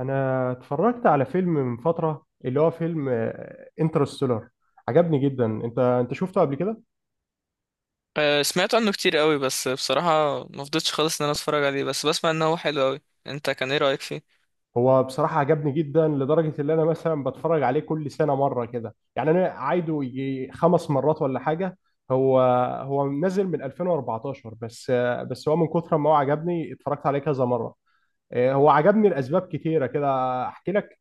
انا اتفرجت على فيلم من فتره اللي هو فيلم انترستيلر عجبني جدا. انت شفته قبل كده؟ سمعت عنه كتير قوي، بس بصراحة ما فضيتش خالص ان انا اتفرج عليه، بس بسمع انه هو حلو قوي. انت كان ايه رأيك فيه؟ هو بصراحه عجبني جدا لدرجه ان انا مثلا بتفرج عليه كل سنه مره كده، يعني انا عايده يجي 5 مرات ولا حاجه. هو هو نزل من 2014، بس هو من كثر ما هو عجبني اتفرجت عليه كذا مره. هو عجبني لاسباب كتيره كده، احكي لك.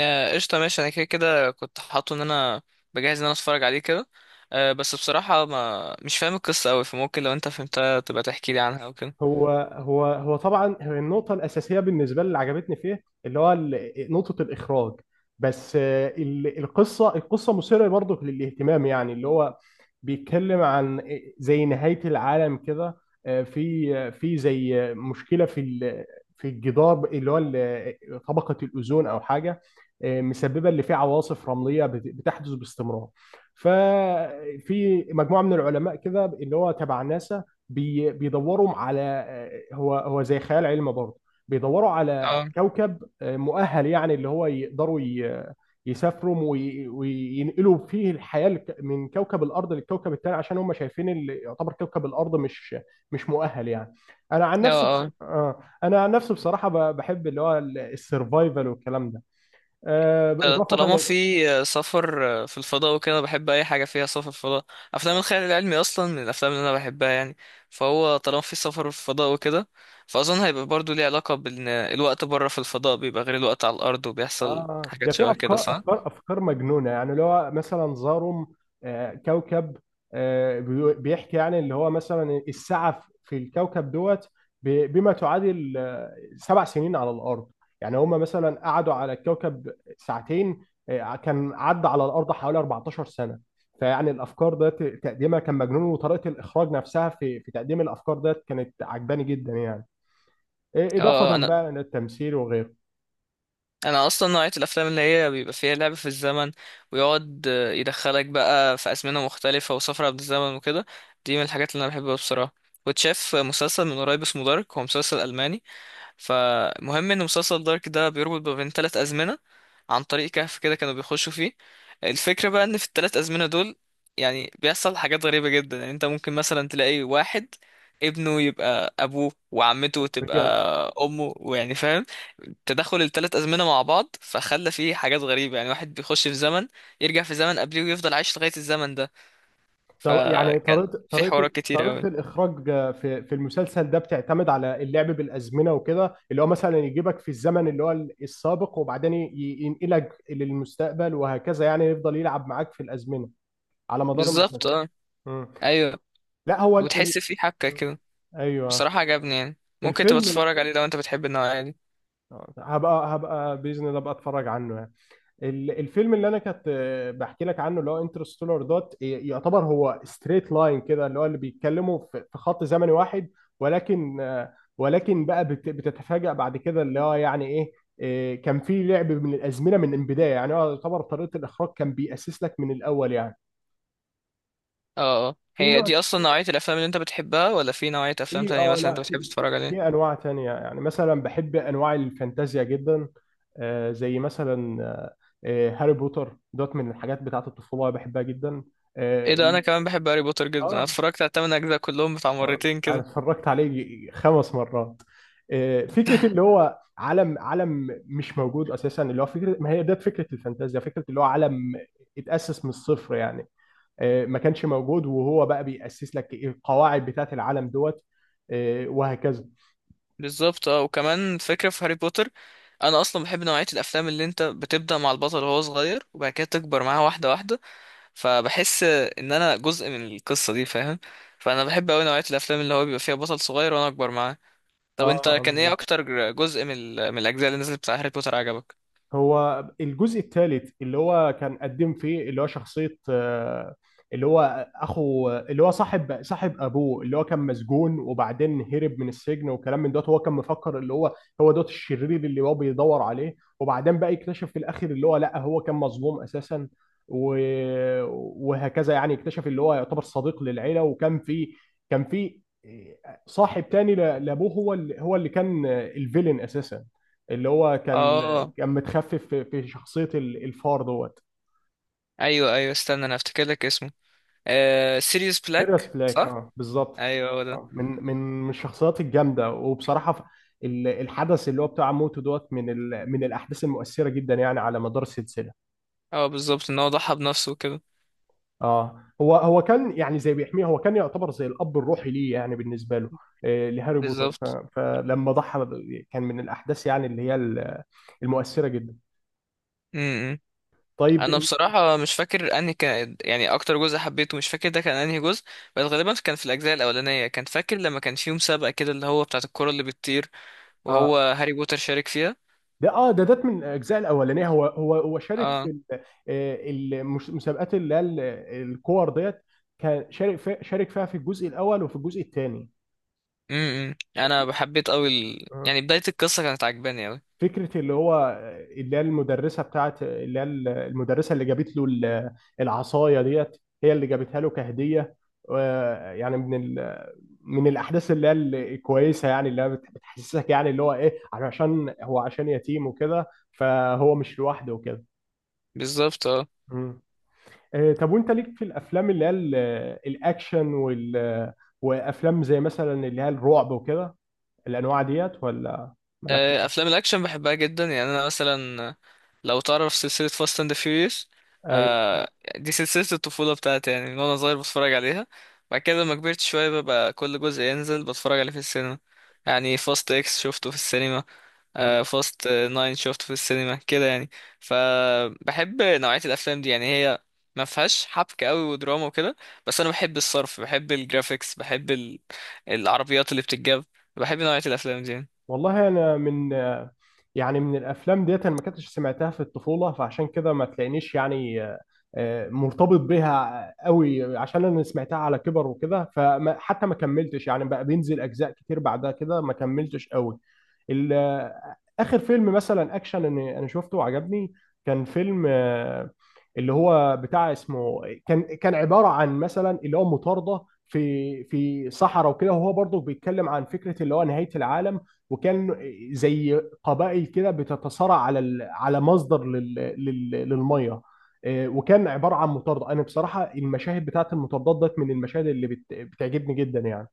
قشطة، ماشي. انا كده كنت حاطه ان انا بجهز ان انا اتفرج عليه كده. بس بصراحة ما مش فاهم القصة قوي، فممكن لو انت فهمتها تبقى تحكي لي عنها او كده. هو طبعا هي النقطة الأساسية بالنسبة لي اللي عجبتني فيه، اللي هو نقطة الإخراج. بس القصة مثيرة برضه للاهتمام، يعني اللي هو بيتكلم عن زي نهاية العالم كده. في زي مشكلة في الجدار، اللي هو طبقة الأوزون أو حاجة، مسببة اللي فيه عواصف رملية بتحدث باستمرار. ففي مجموعة من العلماء كده اللي هو تبع ناسا، بيدوروا على. هو زي خيال علمي برضه. بيدوروا على اه كوكب مؤهل، يعني اللي هو يقدروا يسافروا وينقلوا فيه الحياة من كوكب الأرض للكوكب التاني، عشان هم شايفين اللي يعتبر كوكب الأرض مش مؤهل يعني. أنا عن نفسي بص... اه آه، أنا عن نفسي بصراحة بحب اللي هو السرفايفل والكلام ده، إضافة. طالما في سفر، في الفضاء وكده، بحب اي حاجه فيها سفر في الفضاء. افلام الخيال العلمي اصلا من الافلام اللي انا بحبها يعني. فهو طالما في سفر في الفضاء وكده، فاظن هيبقى برضو ليه علاقه بان الوقت بره في الفضاء بيبقى غير الوقت على الارض، وبيحصل اه ده حاجات في شبه كده، افكار صح؟ افكار افكار مجنونه، يعني اللي هو مثلا زاروم كوكب، بيحكي يعني اللي هو مثلا الساعه في الكوكب دوت بما تعادل 7 سنين على الارض. يعني هم مثلا قعدوا على الكوكب ساعتين، كان عدى على الارض حوالي 14 سنه. فيعني الافكار ده تقديمها كان مجنون، وطريقه الاخراج نفسها في تقديم الافكار ده كانت عجباني جدا يعني. إيه، اه اضافه آه، انا بقى للتمثيل وغيره. انا اصلا نوعيه الافلام اللي هي بيبقى فيها لعب في الزمن، ويقعد يدخلك بقى في ازمنه مختلفه وسفر عبر الزمن وكده، دي من الحاجات اللي انا بحبها بصراحه. وتشاف مسلسل من قريب اسمه دارك، هو مسلسل الماني. فمهم ان مسلسل دارك ده بيربط ما بين ثلاث ازمنه عن طريق كهف كده كانوا بيخشوا فيه. الفكره بقى ان في الثلاث ازمنه دول يعني بيحصل حاجات غريبه جدا، يعني انت ممكن مثلا تلاقي واحد ابنه يبقى ابوه، وعمته تبقى امه، ويعني فاهم، تدخل الثلاث ازمنه مع بعض، فخلى فيه حاجات غريبه، يعني واحد بيخش في زمن يرجع في زمن قبليه ويفضل عايش لغايه الزمن ده. طب يعني فكان طريقة في طريقة حوارات كتير قوي. طريقة الإخراج في المسلسل ده بتعتمد على اللعب بالأزمنة وكده، اللي هو مثلا يجيبك في الزمن اللي هو السابق، وبعدين ينقلك للمستقبل، وهكذا يعني، يفضل يلعب معاك في الأزمنة على مدار بالظبط، المسلسل. اه. مم. ايوه. لا هو وتحس في حبكه كده. أيوه. بصراحة عجبني يعني، ممكن تبقى الفيلم تتفرج عليه لو انت بتحب النوعية دي. هبقى بإذن الله أبقى أتفرج عنه يعني. الفيلم اللي انا كنت بحكي لك عنه، اللي هو انترستولار دوت يعتبر هو ستريت لاين كده، اللي هو اللي بيتكلموا في خط زمني واحد، ولكن بقى بتتفاجأ بعد كده اللي هو يعني ايه. كان في لعب من الازمنه من البدايه، يعني هو يعتبر طريقه الاخراج كان بيأسس لك من الاول يعني. اه اه، في هي نوع، دي اصلا نوعية الافلام اللي انت بتحبها، ولا في نوعية افلام في تانية اه مثلا لا، انت بتحب في في تتفرج عليها؟ في انواع تانية يعني، مثلا بحب انواع الفانتازيا جدا. زي مثلا هاري بوتر دوت، من الحاجات بتاعت الطفولة بحبها جدا. ايه اه. ده، انا كمان بحب هاري بوتر جدا، انا اه. اتفرجت على التمن اجزاء كلهم بتاع مرتين انا كده. اتفرجت عليه 5 مرات. فكرة اللي هو عالم مش موجود اساسا، اللي هو فكرة ما هي ديت فكرة الفانتازيا، فكرة اللي هو عالم اتأسس من الصفر يعني. ما كانش موجود، وهو بقى بيأسس لك القواعد بتاعت العالم دوت، وهكذا. بالظبط اه. وكمان فكرة في هاري بوتر، انا اصلا بحب نوعية الافلام اللي انت بتبدأ مع البطل وهو صغير وبعد كده تكبر معاه واحدة واحدة، فبحس ان انا جزء من القصة دي، فاهم؟ فانا بحب اوي نوعية الافلام اللي هو بيبقى فيها بطل صغير وانا اكبر معاه. طب اه انت كان رمز. ايه اكتر جزء من من الاجزاء اللي نزلت بتاع هاري بوتر عجبك؟ هو الجزء الثالث اللي هو كان قدم فيه اللي هو شخصية اللي هو أخو اللي هو صاحب أبوه، اللي هو كان مسجون وبعدين هرب من السجن وكلام من دوت. هو كان مفكر اللي هو هو دوت الشرير اللي هو بيدور عليه، وبعدين بقى يكتشف في الآخر اللي هو لا هو كان مظلوم أساسا. و... وهكذا يعني، اكتشف اللي هو يعتبر صديق للعيلة. وكان في كان في صاحب تاني لأبوه، هو اللي هو اللي كان الفيلن أساسا، اللي هو كان اه، كان متخفف في شخصية الفار دوت. ايوه ايوه، استنى انا افتكر لك اسمه. سيريوس سيريوس بلاك، بلاك صح؟ اه بالظبط. ايوه هو ده. من الشخصيات الجامدة، وبصراحة الحدث اللي هو بتاع موته دوت، من من الأحداث المؤثرة جدا يعني على مدار السلسلة. اه، بالظبط، ان هو ضحى بنفسه وكده. اه. هو كان يعني زي بيحميه، هو كان يعتبر زي الأب الروحي ليه، يعني بالنسبة له لهاري بوتر بالظبط. فلما ضحى كان من الأحداث يعني اللي هي المؤثرة جدا. امم، طيب انا بصراحه مش فاكر انهي كان يعني اكتر جزء حبيته، مش فاكر ده كان انهي جزء. بس غالبا كان في الاجزاء الاولانيه، كان فاكر لما كان في مسابقه كده اللي هو بتاعه الكره اللي بتطير اه وهو هاري بوتر شارك فيها. ده. ده من الاجزاء الاولانيه، هو شارك في اه. المسابقات اللي هي الكور ديت، كان شارك فيها في الجزء الاول وفي الجزء الثاني. امم، انا بحبيت قوي اه يعني بدايه القصه كانت عجباني قوي. فكره اللي هو اللي هي المدرسه بتاعت اللي هي المدرسه اللي جابت له العصايه ديت، هي اللي جابتها له كهديه. يعني من من الاحداث اللي هي الكويسه، يعني اللي هي بتحسسك يعني اللي هو ايه، عشان هو عشان يتيم وكده فهو مش لوحده بالظبط اه. وكده. طب وانت ليك في الافلام اللي هي الاكشن، وافلام زي مثلا اللي هي الرعب وكده، الانواع ديت ولا مالكش فيها؟ افلام الاكشن بحبها جدا، يعني انا مثلا لو تعرف سلسله فاست اند فيوريوس، ايوه. دي سلسله الطفوله بتاعتي يعني، من وانا صغير بتفرج عليها. بعد كده لما كبرت شويه ببقى كل جزء ينزل بتفرج عليه في السينما، يعني فاست اكس شفته في السينما، فاست ناين شفته في السينما كده يعني. فبحب نوعيه الافلام دي، يعني هي ما فيهاش حبكه قوي ودراما وكده، بس انا بحب الصرف، بحب الجرافيكس، بحب العربيات اللي بتتجاب. بحب نوعيه الافلام دي يعني. والله انا من، يعني من الافلام ديت انا ما كنتش سمعتها في الطفوله، فعشان كده ما تلاقينيش يعني مرتبط بيها قوي، عشان انا سمعتها على كبر وكده، فحتى ما كملتش يعني، بقى بينزل اجزاء كتير بعدها كده ما كملتش قوي. اخر فيلم مثلا اكشن أنا شفته وعجبني، كان فيلم اللي هو بتاع اسمه. كان عباره عن مثلا اللي هو مطارده في صحراء وكده، وهو برضه بيتكلم عن فكره اللي هو نهايه العالم، وكان زي قبائل كده بتتصارع على مصدر للميه. وكان عباره عن مطارده، انا بصراحه المشاهد بتاعت المطاردات ديت من المشاهد اللي بتعجبني جدا يعني.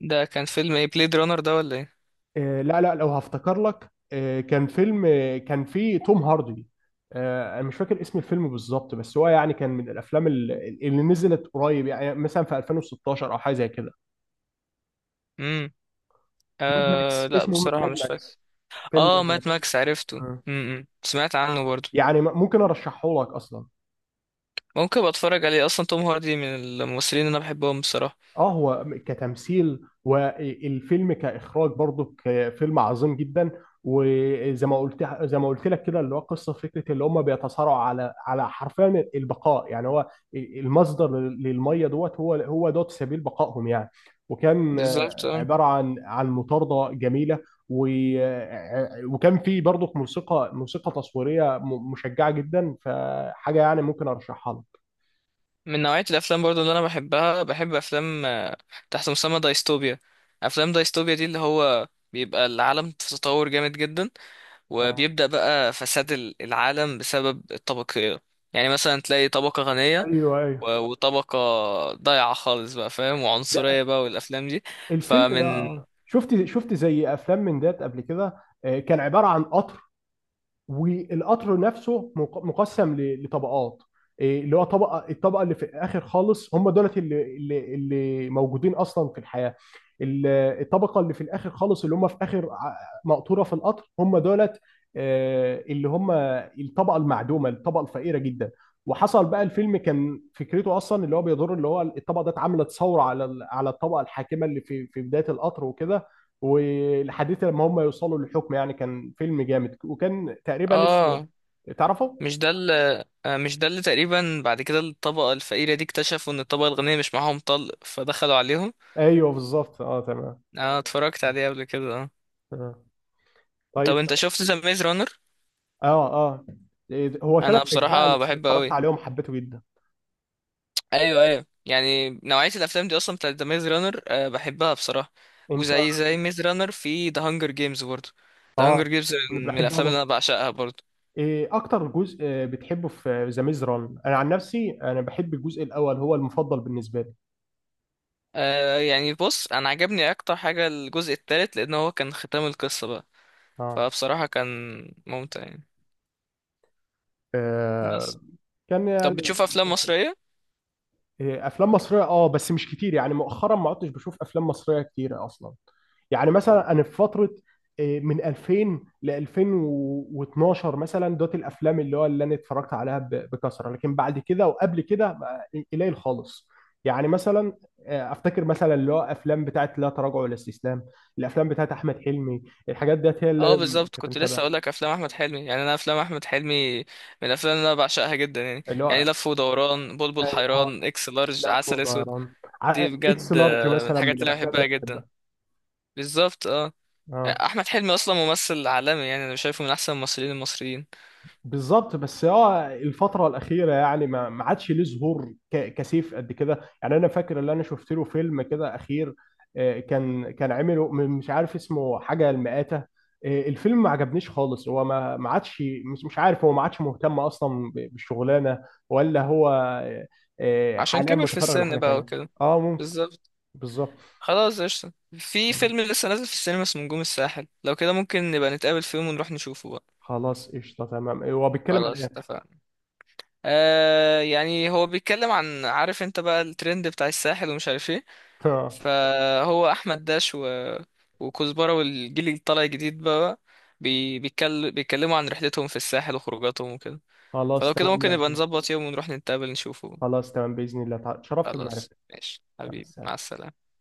ده كان فيلم ايه، بليد رانر ده ولا ايه؟ لا لا، لو هفتكر لك. كان فيلم كان فيه توم هاردي. انا مش فاكر اسم الفيلم بالظبط، بس هو يعني كان من الافلام اللي نزلت قريب يعني مثلا في 2016 او حاجه زي كده. امم. ماد آه ماكس، لا، اسمه بصراحة ماد مش فاكر. ماكس، فيلم اه، ماد مات ماكس. ماكس، عرفته. آه. امم، سمعت عنه برضو. يعني ممكن ارشحه لك اصلا. ممكن ابقى اتفرج عليه، اصلا توم هاردي من الممثلين اللي انا بحبهم بصراحة. اه هو كتمثيل والفيلم كاخراج برضو فيلم عظيم جدا، وزي ما قلت لك كده، اللي هو قصه فكره اللي هم بيتصارعوا على حرفيا البقاء يعني، هو المصدر للميه دوت، هو هو دوت سبيل بقائهم يعني. وكان بالظبط. آه. عباره عن مطارده جميله. و- وكان في برضو موسيقى تصويريه مشجعه جدا، فحاجه يعني ممكن ارشحها لك. من نوعية الافلام برضو اللي انا بحبها، بحب افلام تحت مسمى دايستوبيا. افلام دايستوبيا دي اللي هو بيبقى العالم في تطور جامد جدا، آه، وبيبدأ بقى فساد العالم بسبب الطبقية، يعني مثلا تلاقي طبقة غنية، ايوه ايوه. وطبقة ضايعة خالص بقى، فاهم، وعنصرية بقى، والأفلام دي. الفيلم فمن، ده شفت زي افلام من ديت قبل كده. كان عباره عن قطر، والقطر نفسه مقسم لطبقات. إيه، اللي هو طبقه، الطبقه اللي في الاخر خالص هم دولت، اللي موجودين اصلا في الحياه. ال- الطبقه اللي في الاخر خالص، اللي هم في اخر مقطوره في القطر، هم دولت اللي هم الطبقه المعدومه، الطبقه الفقيره جدا. وحصل بقى الفيلم، كان فكرته اصلا اللي هو بيدور، اللي هو الطبقه دي اتعملت ثوره على الطبقه الحاكمه اللي في بدايه القطر وكده، والحديث لما هم يوصلوا للحكم يعني، كان فيلم جامد، وكان تقريبا اسمه. اه، تعرفه؟ مش ده مش ده اللي تقريبا بعد كده الطبقة الفقيرة دي اكتشفوا ان الطبقة الغنية مش معاهم طلق فدخلوا عليهم؟ ايوه بالظبط اه تمام. انا اتفرجت عليه قبل كده، اه. آه. طب طيب. انت شفت ذا ميز رانر؟ اه. اه. إيه، هو ثلاث انا اجزاء انا بصراحة بحبه اتفرجت قوي. عليهم حبيته جدا. ايوه ايوه، يعني نوعية الافلام دي اصلا بتاعت ذا ميز رانر، بحبها بصراحة. انت وزي ميز رانر في ذا هانجر جيمز برضه، ذا اه هانجر جيمز من بحب الافلام أبر. اللي انا بعشقها برضه. ايه اكتر جزء بتحبه في ذا ميز ران؟ انا عن نفسي انا بحب الجزء الاول، هو المفضل بالنسبه لي. آه يعني بص، انا عجبني اكتر حاجة الجزء الثالث، لان هو كان ختام القصة بقى، اه. فبصراحة كان ممتع يعني. بس، آه، كان طب يعني. بتشوف افلام مصرية؟ إيه، افلام مصريه اه، بس مش كتير يعني، مؤخرا ما عدتش بشوف افلام مصريه كتير اصلا. يعني مثلا انا في فتره إيه، من 2000 ل 2012 مثلا دوت الافلام اللي هو اللي انا اتفرجت عليها بكثره، لكن بعد كده وقبل كده قليل خالص يعني. مثلا افتكر مثلا اللي هو افلام بتاعت لا تراجع ولا استسلام، الافلام بتاعت احمد حلمي، الحاجات ديت هي اللي اه انا بالظبط، كنت كنت لسه متابع. اقول لك افلام احمد حلمي. يعني انا افلام احمد حلمي من الافلام اللي انا بعشقها جدا يعني. اللي هو يعني لف ودوران، بلبل اه. آه، حيران، اكس لارج، لف عسل اسود. ودوران دي اكس بجد لارج من مثلا الحاجات من اللي انا الافلام بحبها اللي انا بحبها. جدا. بالظبط اه. آه. احمد حلمي اصلا ممثل عالمي، يعني انا شايفه من احسن الممثلين المصريين. بالظبط بس اه الفترة الأخيرة يعني ما عادش ليه ظهور كسيف قد كده يعني. أنا فاكر اللي أنا شفت له فيلم كده أخير كان عمله مش عارف اسمه، حاجة المئات. الفيلم ما عجبنيش خالص، هو ما عادش، مش عارف، هو ما عادش مهتم أصلا بالشغلانة، ولا هو عشان حاليا كبر في متفرغ السن لحاجة بقى تانية. وكده. اه ممكن. بالظبط. بالظبط. خلاص قشطة. في فيلم لسه نازل في السينما اسمه نجوم الساحل، لو كده ممكن نبقى نتقابل في يوم ونروح نشوفه بقى. خلاص قشطة تمام، هو بيتكلم عن خلاص ايه؟ اتفقنا. آه، يعني هو بيتكلم عن، عارف انت بقى الترند بتاع الساحل ومش عارف ايه، فهو احمد داش وكزبرة والجيل اللي طالع جديد بقى، بيتكلموا عن رحلتهم في الساحل وخروجاتهم وكده. خلاص فلو كده تمام ممكن لو نبقى كده. نظبط يوم ونروح نتقابل نشوفه. خلاص تمام بإذن الله تعالى. اتشرفت خلاص بمعرفتك. ماشي مع حبيبي، مع السلامة. السلامة.